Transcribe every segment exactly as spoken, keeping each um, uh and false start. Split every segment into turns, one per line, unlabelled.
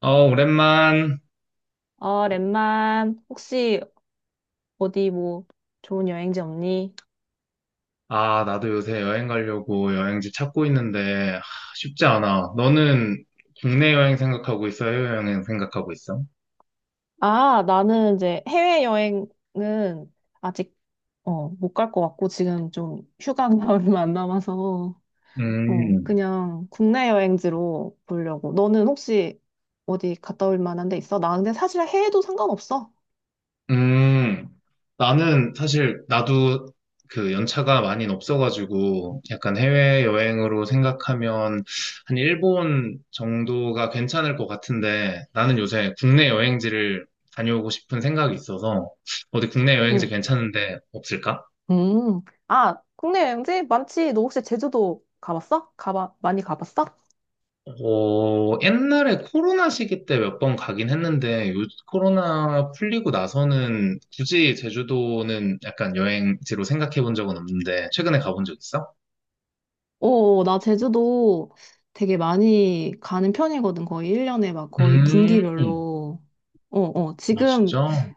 어, 오랜만.
어, 랩만, 혹시 어디 뭐 좋은 여행지 없니?
아, 나도 요새 여행 가려고 여행지 찾고 있는데, 하, 쉽지 않아. 너는 국내 여행 생각하고 있어? 해외 여행 생각하고 있어?
아, 나는 이제 해외여행은 아직 어, 못 갈 것 같고 지금 좀 휴가가 얼마 안 남아서 어,
음,
그냥 국내 여행지로 보려고. 너는 혹시 어디 갔다 올 만한 데 있어? 나 근데 사실 해외도 상관없어.
음. 나는 사실, 나도 그 연차가 많이 없어가지고, 약간 해외 여행으로 생각하면 한 일본 정도가 괜찮을 것 같은데, 나는 요새 국내 여행지를 다녀오고 싶은 생각이 있어서, 어디 국내 여행지
응.
괜찮은데 없을까?
음. 아, 국내 여행지 많지. 너 혹시 제주도 가봤어? 가봐 많이 가봤어?
어, 옛날에 코로나 시기 때 몇 번 가긴 했는데, 요, 코로나 풀리고 나서는 굳이 제주도는 약간 여행지로 생각해 본 적은 없는데, 최근에 가본 적 있어?
어, 나 제주도 되게 많이 가는 편이거든. 거의 일 년에 막 거의
음.
분기별로. 어, 어,
아,
지금,
진짜? 어,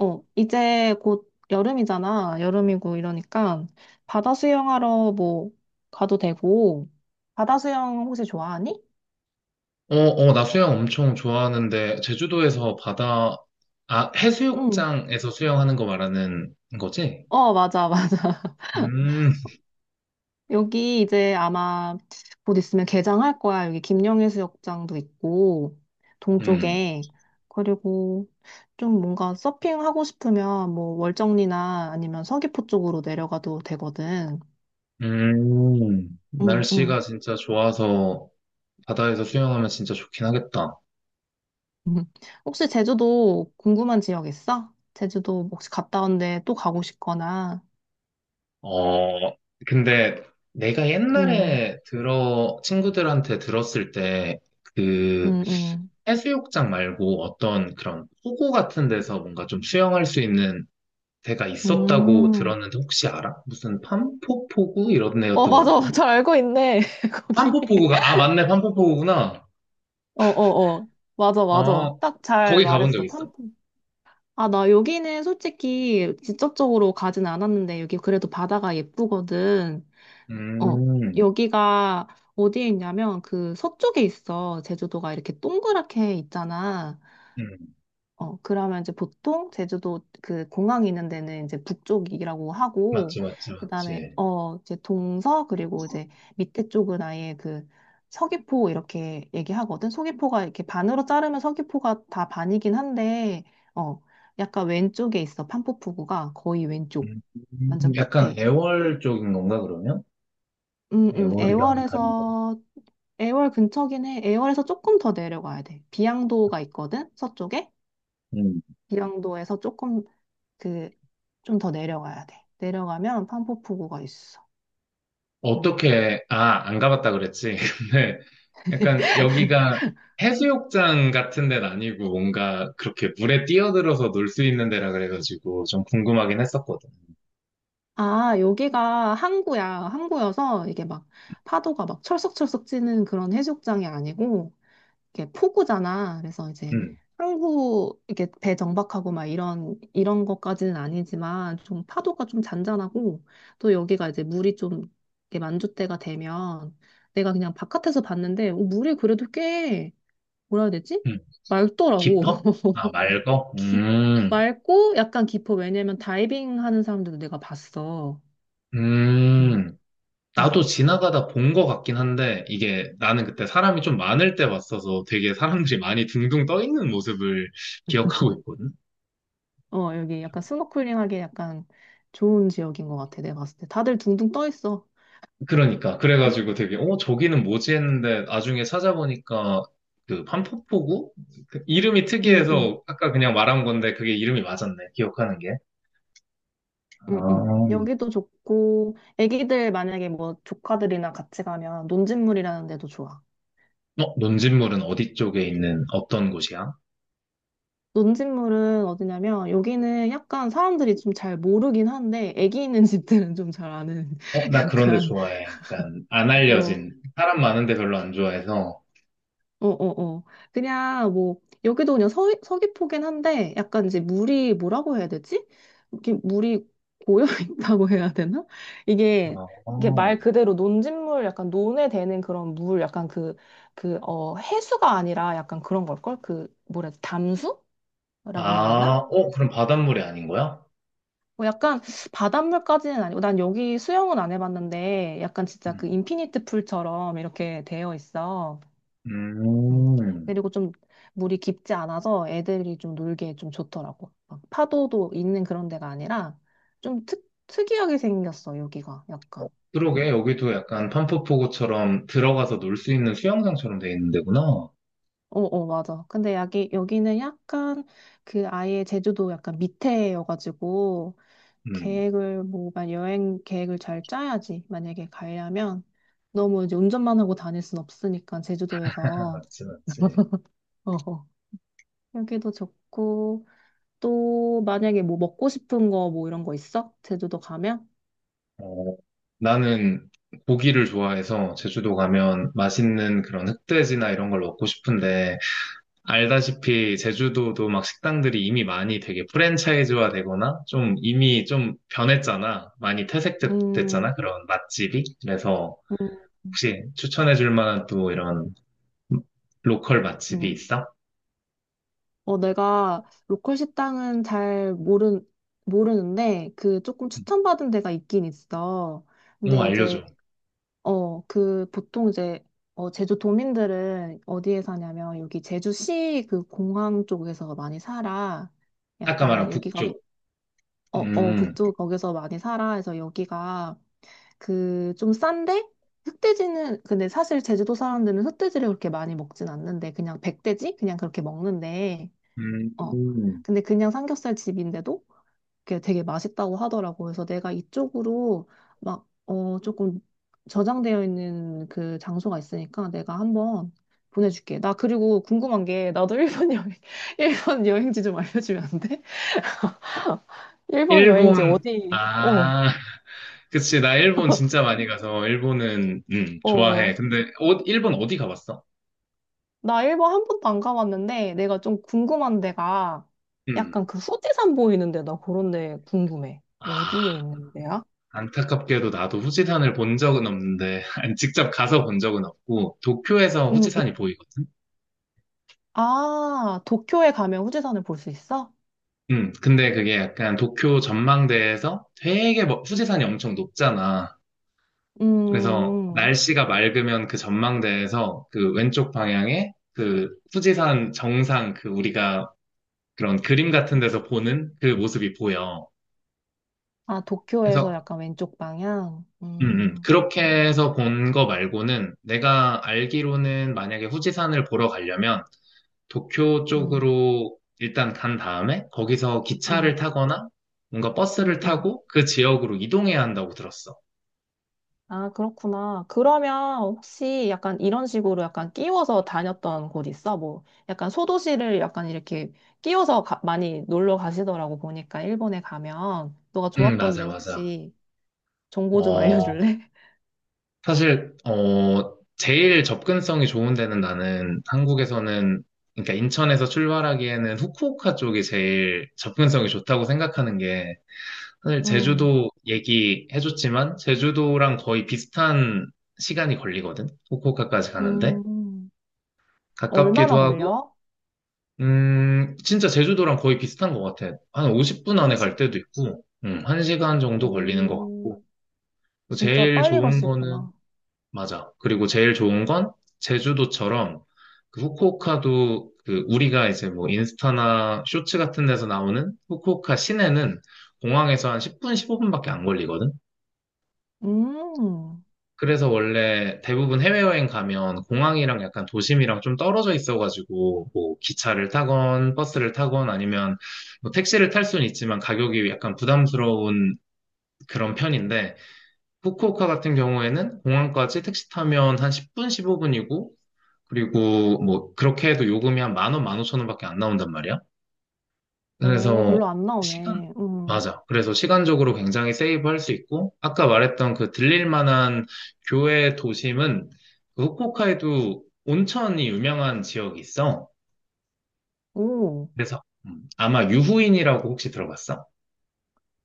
어, 이제 곧 여름이잖아. 여름이고 이러니까 바다 수영하러 뭐 가도 되고. 바다 수영 혹시 좋아하니?
어, 나 수영 엄청 좋아하는데, 제주도에서 바다, 아,
응.
해수욕장에서 수영하는 거 말하는 거지?
어, 맞아.
음,
여기 이제 아마 곧 있으면 개장할 거야. 여기 김영해수욕장도 있고,
음,
동쪽에. 그리고 좀 뭔가 서핑하고 싶으면 뭐 월정리나 아니면 서귀포 쪽으로 내려가도 되거든.
음.
응, 응.
날씨가 진짜 좋아서 바다에서 수영하면 진짜 좋긴 하겠다.
음. 혹시 제주도 궁금한 지역 있어? 제주도 뭐 혹시 갔다 온데 또 가고 싶거나.
어, 근데 내가
응,
옛날에 들어, 친구들한테 들었을 때, 그,
응, 응.
해수욕장 말고 어떤 그런 포구 같은 데서 뭔가 좀 수영할 수 있는 데가 있었다고
음.
들었는데 혹시 알아? 무슨 판포포구? 이런
어,
데였던 것
맞아.
같거든?
잘 알고 있네. 거기.
판포포구가, 아, 맞네, 판포포구구나.
어어어. 맞아, 맞아.
어,
딱 잘
거기 가본 적
말했어.
있어.
팜프. 아, 나 여기는 솔직히 직접적으로 가진 않았는데, 여기 그래도 바다가 예쁘거든. 어.
음,
여기가 어디에 있냐면, 그 서쪽에 있어. 제주도가 이렇게 동그랗게 있잖아.
음.
어, 그러면 이제 보통 제주도 그 공항이 있는 데는 이제 북쪽이라고 하고,
맞지, 맞지,
그 다음에,
맞지.
어, 이제 동서, 그리고 이제 밑에 쪽은 아예 그 서귀포 이렇게 얘기하거든. 서귀포가 이렇게 반으로 자르면 서귀포가 다 반이긴 한데, 어, 약간 왼쪽에 있어. 판포푸구가 거의 왼쪽.
음,
완전
약간
끝에.
애월 쪽인 건가, 그러면?
음, 음,
애월이랑은 다른 거.
애월에서, 애월 근처긴 해. 애월에서 조금 더 내려가야 돼. 비양도가 있거든, 서쪽에.
음.
비양도에서 조금 그, 좀 더 내려가야 돼. 내려가면 판포푸구가 있어. 음.
어떻게, 아, 안 가봤다 그랬지. 근데 약간 여기가 해수욕장 같은 데는 아니고 뭔가 그렇게 물에 뛰어들어서 놀 수 있는 데라 그래가지고 좀 궁금하긴 했었거든.
아, 여기가 항구야. 항구여서 이게 막 파도가 막 철썩철썩 찌는 그런 해수욕장이 아니고 이게 포구잖아. 그래서 이제
음,
항구 이렇게 배 정박하고 막 이런 이런 것까지는 아니지만 좀 파도가 좀 잔잔하고 또 여기가 이제 물이 좀 이렇게 만조 때가 되면 내가 그냥 바깥에서 봤는데 어, 물이 그래도 꽤 뭐라 해야 되지?
음.
맑더라고.
깊어? 아, 맑어?
깊,
음,
맑고 약간 깊어. 왜냐면 다이빙 하는 사람들도 내가 봤어.
음.
음, 음.
나도 지나가다 본 것 같긴 한데 이게 나는 그때 사람이 좀 많을 때 봤어서 되게 사람들이 많이 둥둥 떠 있는 모습을 기억하고 있거든.
어, 여기 약간 스노클링하기 약간 좋은 지역인 것 같아. 내가 봤을 때. 다들 둥둥 떠 있어.
그러니까
응,
그래가지고 되게 어 저기는 뭐지 했는데 나중에 찾아보니까 그 판포포구 그 이름이
응, 응,
특이해서 아까 그냥 말한 건데 그게 이름이 맞았네 기억하는 게.
응. 응.
아,
여기도 좋고, 애기들 만약에 뭐 조카들이나 같이 가면 논진물이라는 데도 좋아.
어 논진물은 어디 쪽에 있는 어떤 곳이야?
논진물은 어디냐면, 여기는 약간 사람들이 좀 잘 모르긴 한데, 애기 있는 집들은 좀 잘 아는,
어, 나 그런 데
약간,
좋아해. 약간 안
어,
알려진 사람 많은 데 별로 안 좋아해서
어, 어, 어. 그냥 뭐, 여기도 그냥 서, 서귀포긴 한데, 약간 이제 물이 뭐라고 해야 되지? 이렇게 물이 고여 있다고 해야 되나? 이게,
아,
이게 말 그대로 논진물, 약간 논에 되는 그런 물, 약간 그, 그, 어, 해수가 아니라 약간 그런 걸걸? 그, 뭐라 해야 돼? 담수?
아
라고 해야 되나?
어 그럼 바닷물이 아닌 거야?
뭐 약간 바닷물까지는 아니고, 난 여기 수영은 안 해봤는데, 약간 진짜 그
음.
인피니트 풀처럼 이렇게 되어 있어. 음.
음.
그리고 좀 물이 깊지 않아서 애들이 좀 놀기에 좀 좋더라고. 막 파도도 있는 그런 데가 아니라 좀 특, 특이하게 생겼어, 여기가. 약간.
그러게
음.
여기도 약간 판포포구처럼 들어가서 놀 수 있는 수영장처럼 돼 있는 데구나.
어, 어, 맞아. 근데 여기, 여기는 약간 그 아예 제주도 약간 밑에여가지고
음,
계획을 뭐, 만 여행 계획을 잘 짜야지. 만약에 가려면 너무 이제 운전만 하고 다닐 순 없으니까 제주도에서.
맞지, 맞지.
어, 어. 여기도 좋고. 또 만약에 뭐 먹고 싶은 거 뭐 이런 거 있어? 제주도 가면?
어, 나는 고기를 좋아해서 제주도 가면 맛있는 그런 흑돼지나 이런 걸 먹고 싶은데, 알다시피 제주도도 막 식당들이 이미 많이 되게 프랜차이즈화 되거나 좀 이미 좀 변했잖아. 많이
음,
퇴색됐잖아. 그런 맛집이. 그래서
음,
혹시 추천해 줄 만한 또 이런 로컬 맛집이
음.
있어?
어, 내가 로컬 식당은 잘 모르, 모르는데, 그 조금 추천받은 데가 있긴 있어.
어,
근데 이제,
알려줘.
어, 그 보통 이제, 어, 제주 도민들은 어디에 사냐면, 여기 제주시 그 공항 쪽에서 많이 살아.
아까 말한
약간 여기가, 북-
북쪽.
어, 어,
음,
북쪽 거기서 많이 살아. 그래서 여기가 그 좀 싼데 흑돼지는 근데 사실 제주도 사람들은 흑돼지를 그렇게 많이 먹진 않는데 그냥 백돼지 그냥 그렇게 먹는데
음,
어 근데 그냥 삼겹살 집인데도 그게 되게 맛있다고 하더라고. 그래서 내가 이쪽으로 막 어 조금 저장되어 있는 그 장소가 있으니까 내가 한번 보내줄게. 나 그리고 궁금한 게, 나도 일본 여행 일본 여행지 좀 알려주면 안 돼? 일본 여행지
일본,
어디 어
아. 그치, 나 일본 진짜 많이 가서, 일본은, 음,
어,
좋아해. 근데, 어, 일본 어디 가봤어?
나 일본 한 번도 안 가봤는데 내가 좀 궁금한 데가
음.
약간 그 후지산 보이는데, 나 그런 데 궁금해.
아,
어디에 있는 데야?
안타깝게도 나도 후지산을 본 적은 없는데, 아니, 직접 가서 본 적은 없고, 도쿄에서
음,
후지산이
음.
보이거든?
아, 도쿄에 가면 후지산을 볼 수 있어?
음, 근데 그게 약간 도쿄 전망대에서 되게 멋- 후지산이 엄청 높잖아.
음,
그래서
음.
날씨가 맑으면 그 전망대에서 그 왼쪽 방향에 그 후지산 정상 그 우리가 그런 그림 같은 데서 보는 그 모습이 보여.
아, 도쿄에서
그래서
약간 왼쪽 방향?
음, 음.
음,
그렇게 해서 본 거 말고는 내가 알기로는 만약에 후지산을 보러 가려면 도쿄
음,
쪽으로 일단 간 다음에 거기서
음,
기차를 타거나 뭔가 버스를
음, 음.
타고 그 지역으로 이동해야 한다고 들었어.
아, 그렇구나. 그러면 혹시 약간 이런 식으로 약간 끼워서 다녔던 곳 있어? 뭐 약간 소도시를 약간 이렇게 끼워서 가- 많이 놀러 가시더라고. 보니까 일본에 가면 너가
음,
좋았던데,
맞아, 맞아.
혹시 정보 좀
어,
알려줄래?
사실, 어, 제일 접근성이 좋은 데는 나는 한국에서는, 그러니까 인천에서 출발하기에는 후쿠오카 쪽이 제일 접근성이 좋다고 생각하는 게 사실
음,
제주도 얘기해줬지만 제주도랑 거의 비슷한 시간이 걸리거든. 후쿠오카까지 가는데
음.
가깝기도
얼마나
하고,
걸려?
음, 진짜 제주도랑 거의 비슷한 것 같아. 한 오십 분
한
안에 갈
시.
때도 있고, 음, 시간 정도 걸리는 것 같고.
오,
또
진짜
제일
빨리 갈
좋은
수
거는
있구나.
맞아. 그리고 제일 좋은 건 제주도처럼 그 후쿠오카도 그 우리가 이제 뭐 인스타나 쇼츠 같은 데서 나오는 후쿠오카 시내는 공항에서 한 십 분, 십오 분밖에 안 걸리거든.
음,
그래서 원래 대부분 해외여행 가면 공항이랑 약간 도심이랑 좀 떨어져 있어가지고 뭐 기차를 타건 버스를 타건 아니면 뭐 택시를 탈 수는 있지만 가격이 약간 부담스러운 그런 편인데 후쿠오카 같은 경우에는 공항까지 택시 타면 한 십 분, 십오 분이고 그리고 뭐 그렇게 해도 요금이 한 만 원, 만 오천 원밖에 안 나온단 말이야.
오,
그래서
별로 안
시간,
나오네. 음,
맞아. 그래서 시간적으로 굉장히 세이브할 수 있고, 아까 말했던 그 들릴 만한 교외 도심은 그 후쿠오카에도 온천이 유명한 지역이 있어.
오.
그래서 음, 아마 유후인이라고 혹시 들어봤어?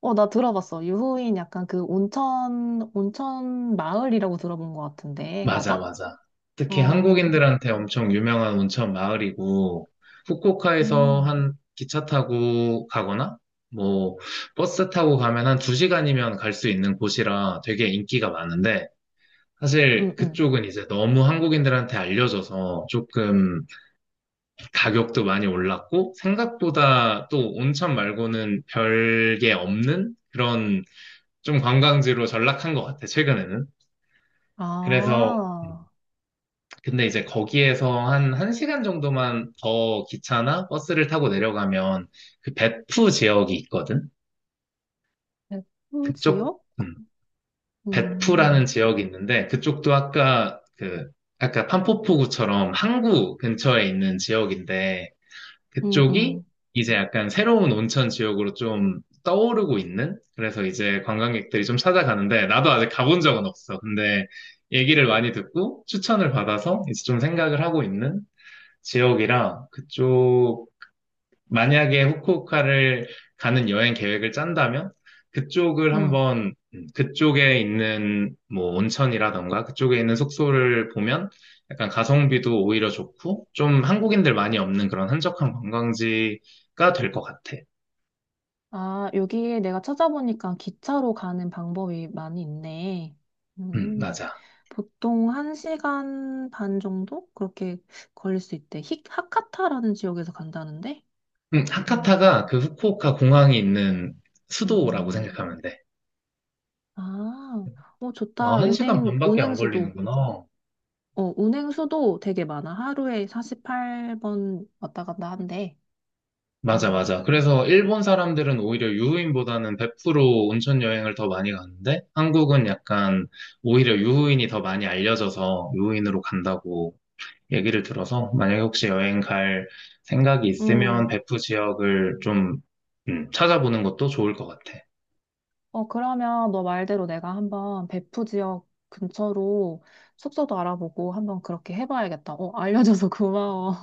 어, 나 들어봤어. 유후인 약간 그 온천, 온천 마을이라고 들어본 것 같은데.
맞아,
맞아?
맞아. 특히
어,
한국인들한테 엄청 유명한 온천 마을이고, 후쿠오카에서
음,
한 기차 타고 가거나, 뭐, 버스 타고 가면 한 두시간이면 갈 수 있는 곳이라 되게 인기가 많은데,
음,
사실
음.
그쪽은 이제 너무 한국인들한테 알려져서 조금 가격도 많이 올랐고 생각보다 또 온천 말고는 별게 없는 그런 좀 관광지로 전락한 것 같아, 최근에는. 그래서
아,
근데 이제 거기에서 한 1시간 정도만 더 기차나 버스를 타고 내려가면 그 배프 지역이 있거든.
백호
그쪽
지역?
음, 배프라는
음,
지역이 있는데 그쪽도 아까 그 아까 판포포구처럼 항구 근처에 있는 지역인데
음,
그쪽이
음,
이제 약간 새로운 온천 지역으로 좀 떠오르고 있는? 그래서 이제 관광객들이 좀 찾아가는데, 나도 아직 가본 적은 없어. 근데 얘기를 많이 듣고 추천을 받아서 이제 좀 생각을 하고 있는 지역이라 그쪽 만약에 후쿠오카를 가는 여행 계획을 짠다면 그쪽을
음.
한번 음, 그쪽에 있는 뭐 온천이라던가 그쪽에 있는 숙소를 보면 약간 가성비도 오히려 좋고 좀 한국인들 많이 없는 그런 한적한 관광지가 될 것 같아.
아, 여기에 내가 찾아보니까 기차로 가는 방법이 많이 있네.
음,
음,
맞아.
보통 한시간반 정도? 그렇게 걸릴 수 있대. 히, 하카타라는 지역에서 간다는데?
음,
음,
하카타가 그 후쿠오카 공항이 있는 수도라고
음.
생각하면 돼.
아, 어,
어,
좋다.
한 시간
운행,
반밖에 안
운행수도.
걸리는구나.
어, 운행수도 되게 많아. 하루에 사십팔 번 왔다 갔다 한대.
맞아, 맞아.
음.
그래서 일본 사람들은 오히려 유후인보다는 베0로 온천 여행을 더 많이 가는데, 한국은 약간 오히려 유후인이 더 많이 알려져서 유후인으로 간다고 얘기를 들어서, 만약에 혹시 여행 갈 생각이 있으면
음,
베프 지역을 좀 음, 찾아보는 것도 좋을 것 같아.
어, 그러면 너 말대로 내가 한번 배프 지역 근처로 숙소도 알아보고 한번 그렇게 해봐야겠다. 어, 알려줘서 고마워.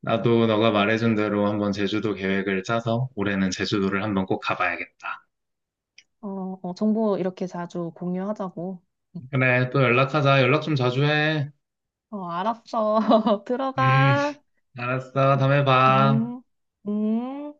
나도 너가 말해준 대로 한번 제주도 계획을 짜서 올해는 제주도를 한번 꼭 가봐야겠다.
어, 어, 정보 이렇게 자주 공유하자고. 응.
그래, 또 연락하자. 연락 좀 자주 해.
어, 알았어.
음,
들어가.
알았어. 다음에 봐.
음, 음.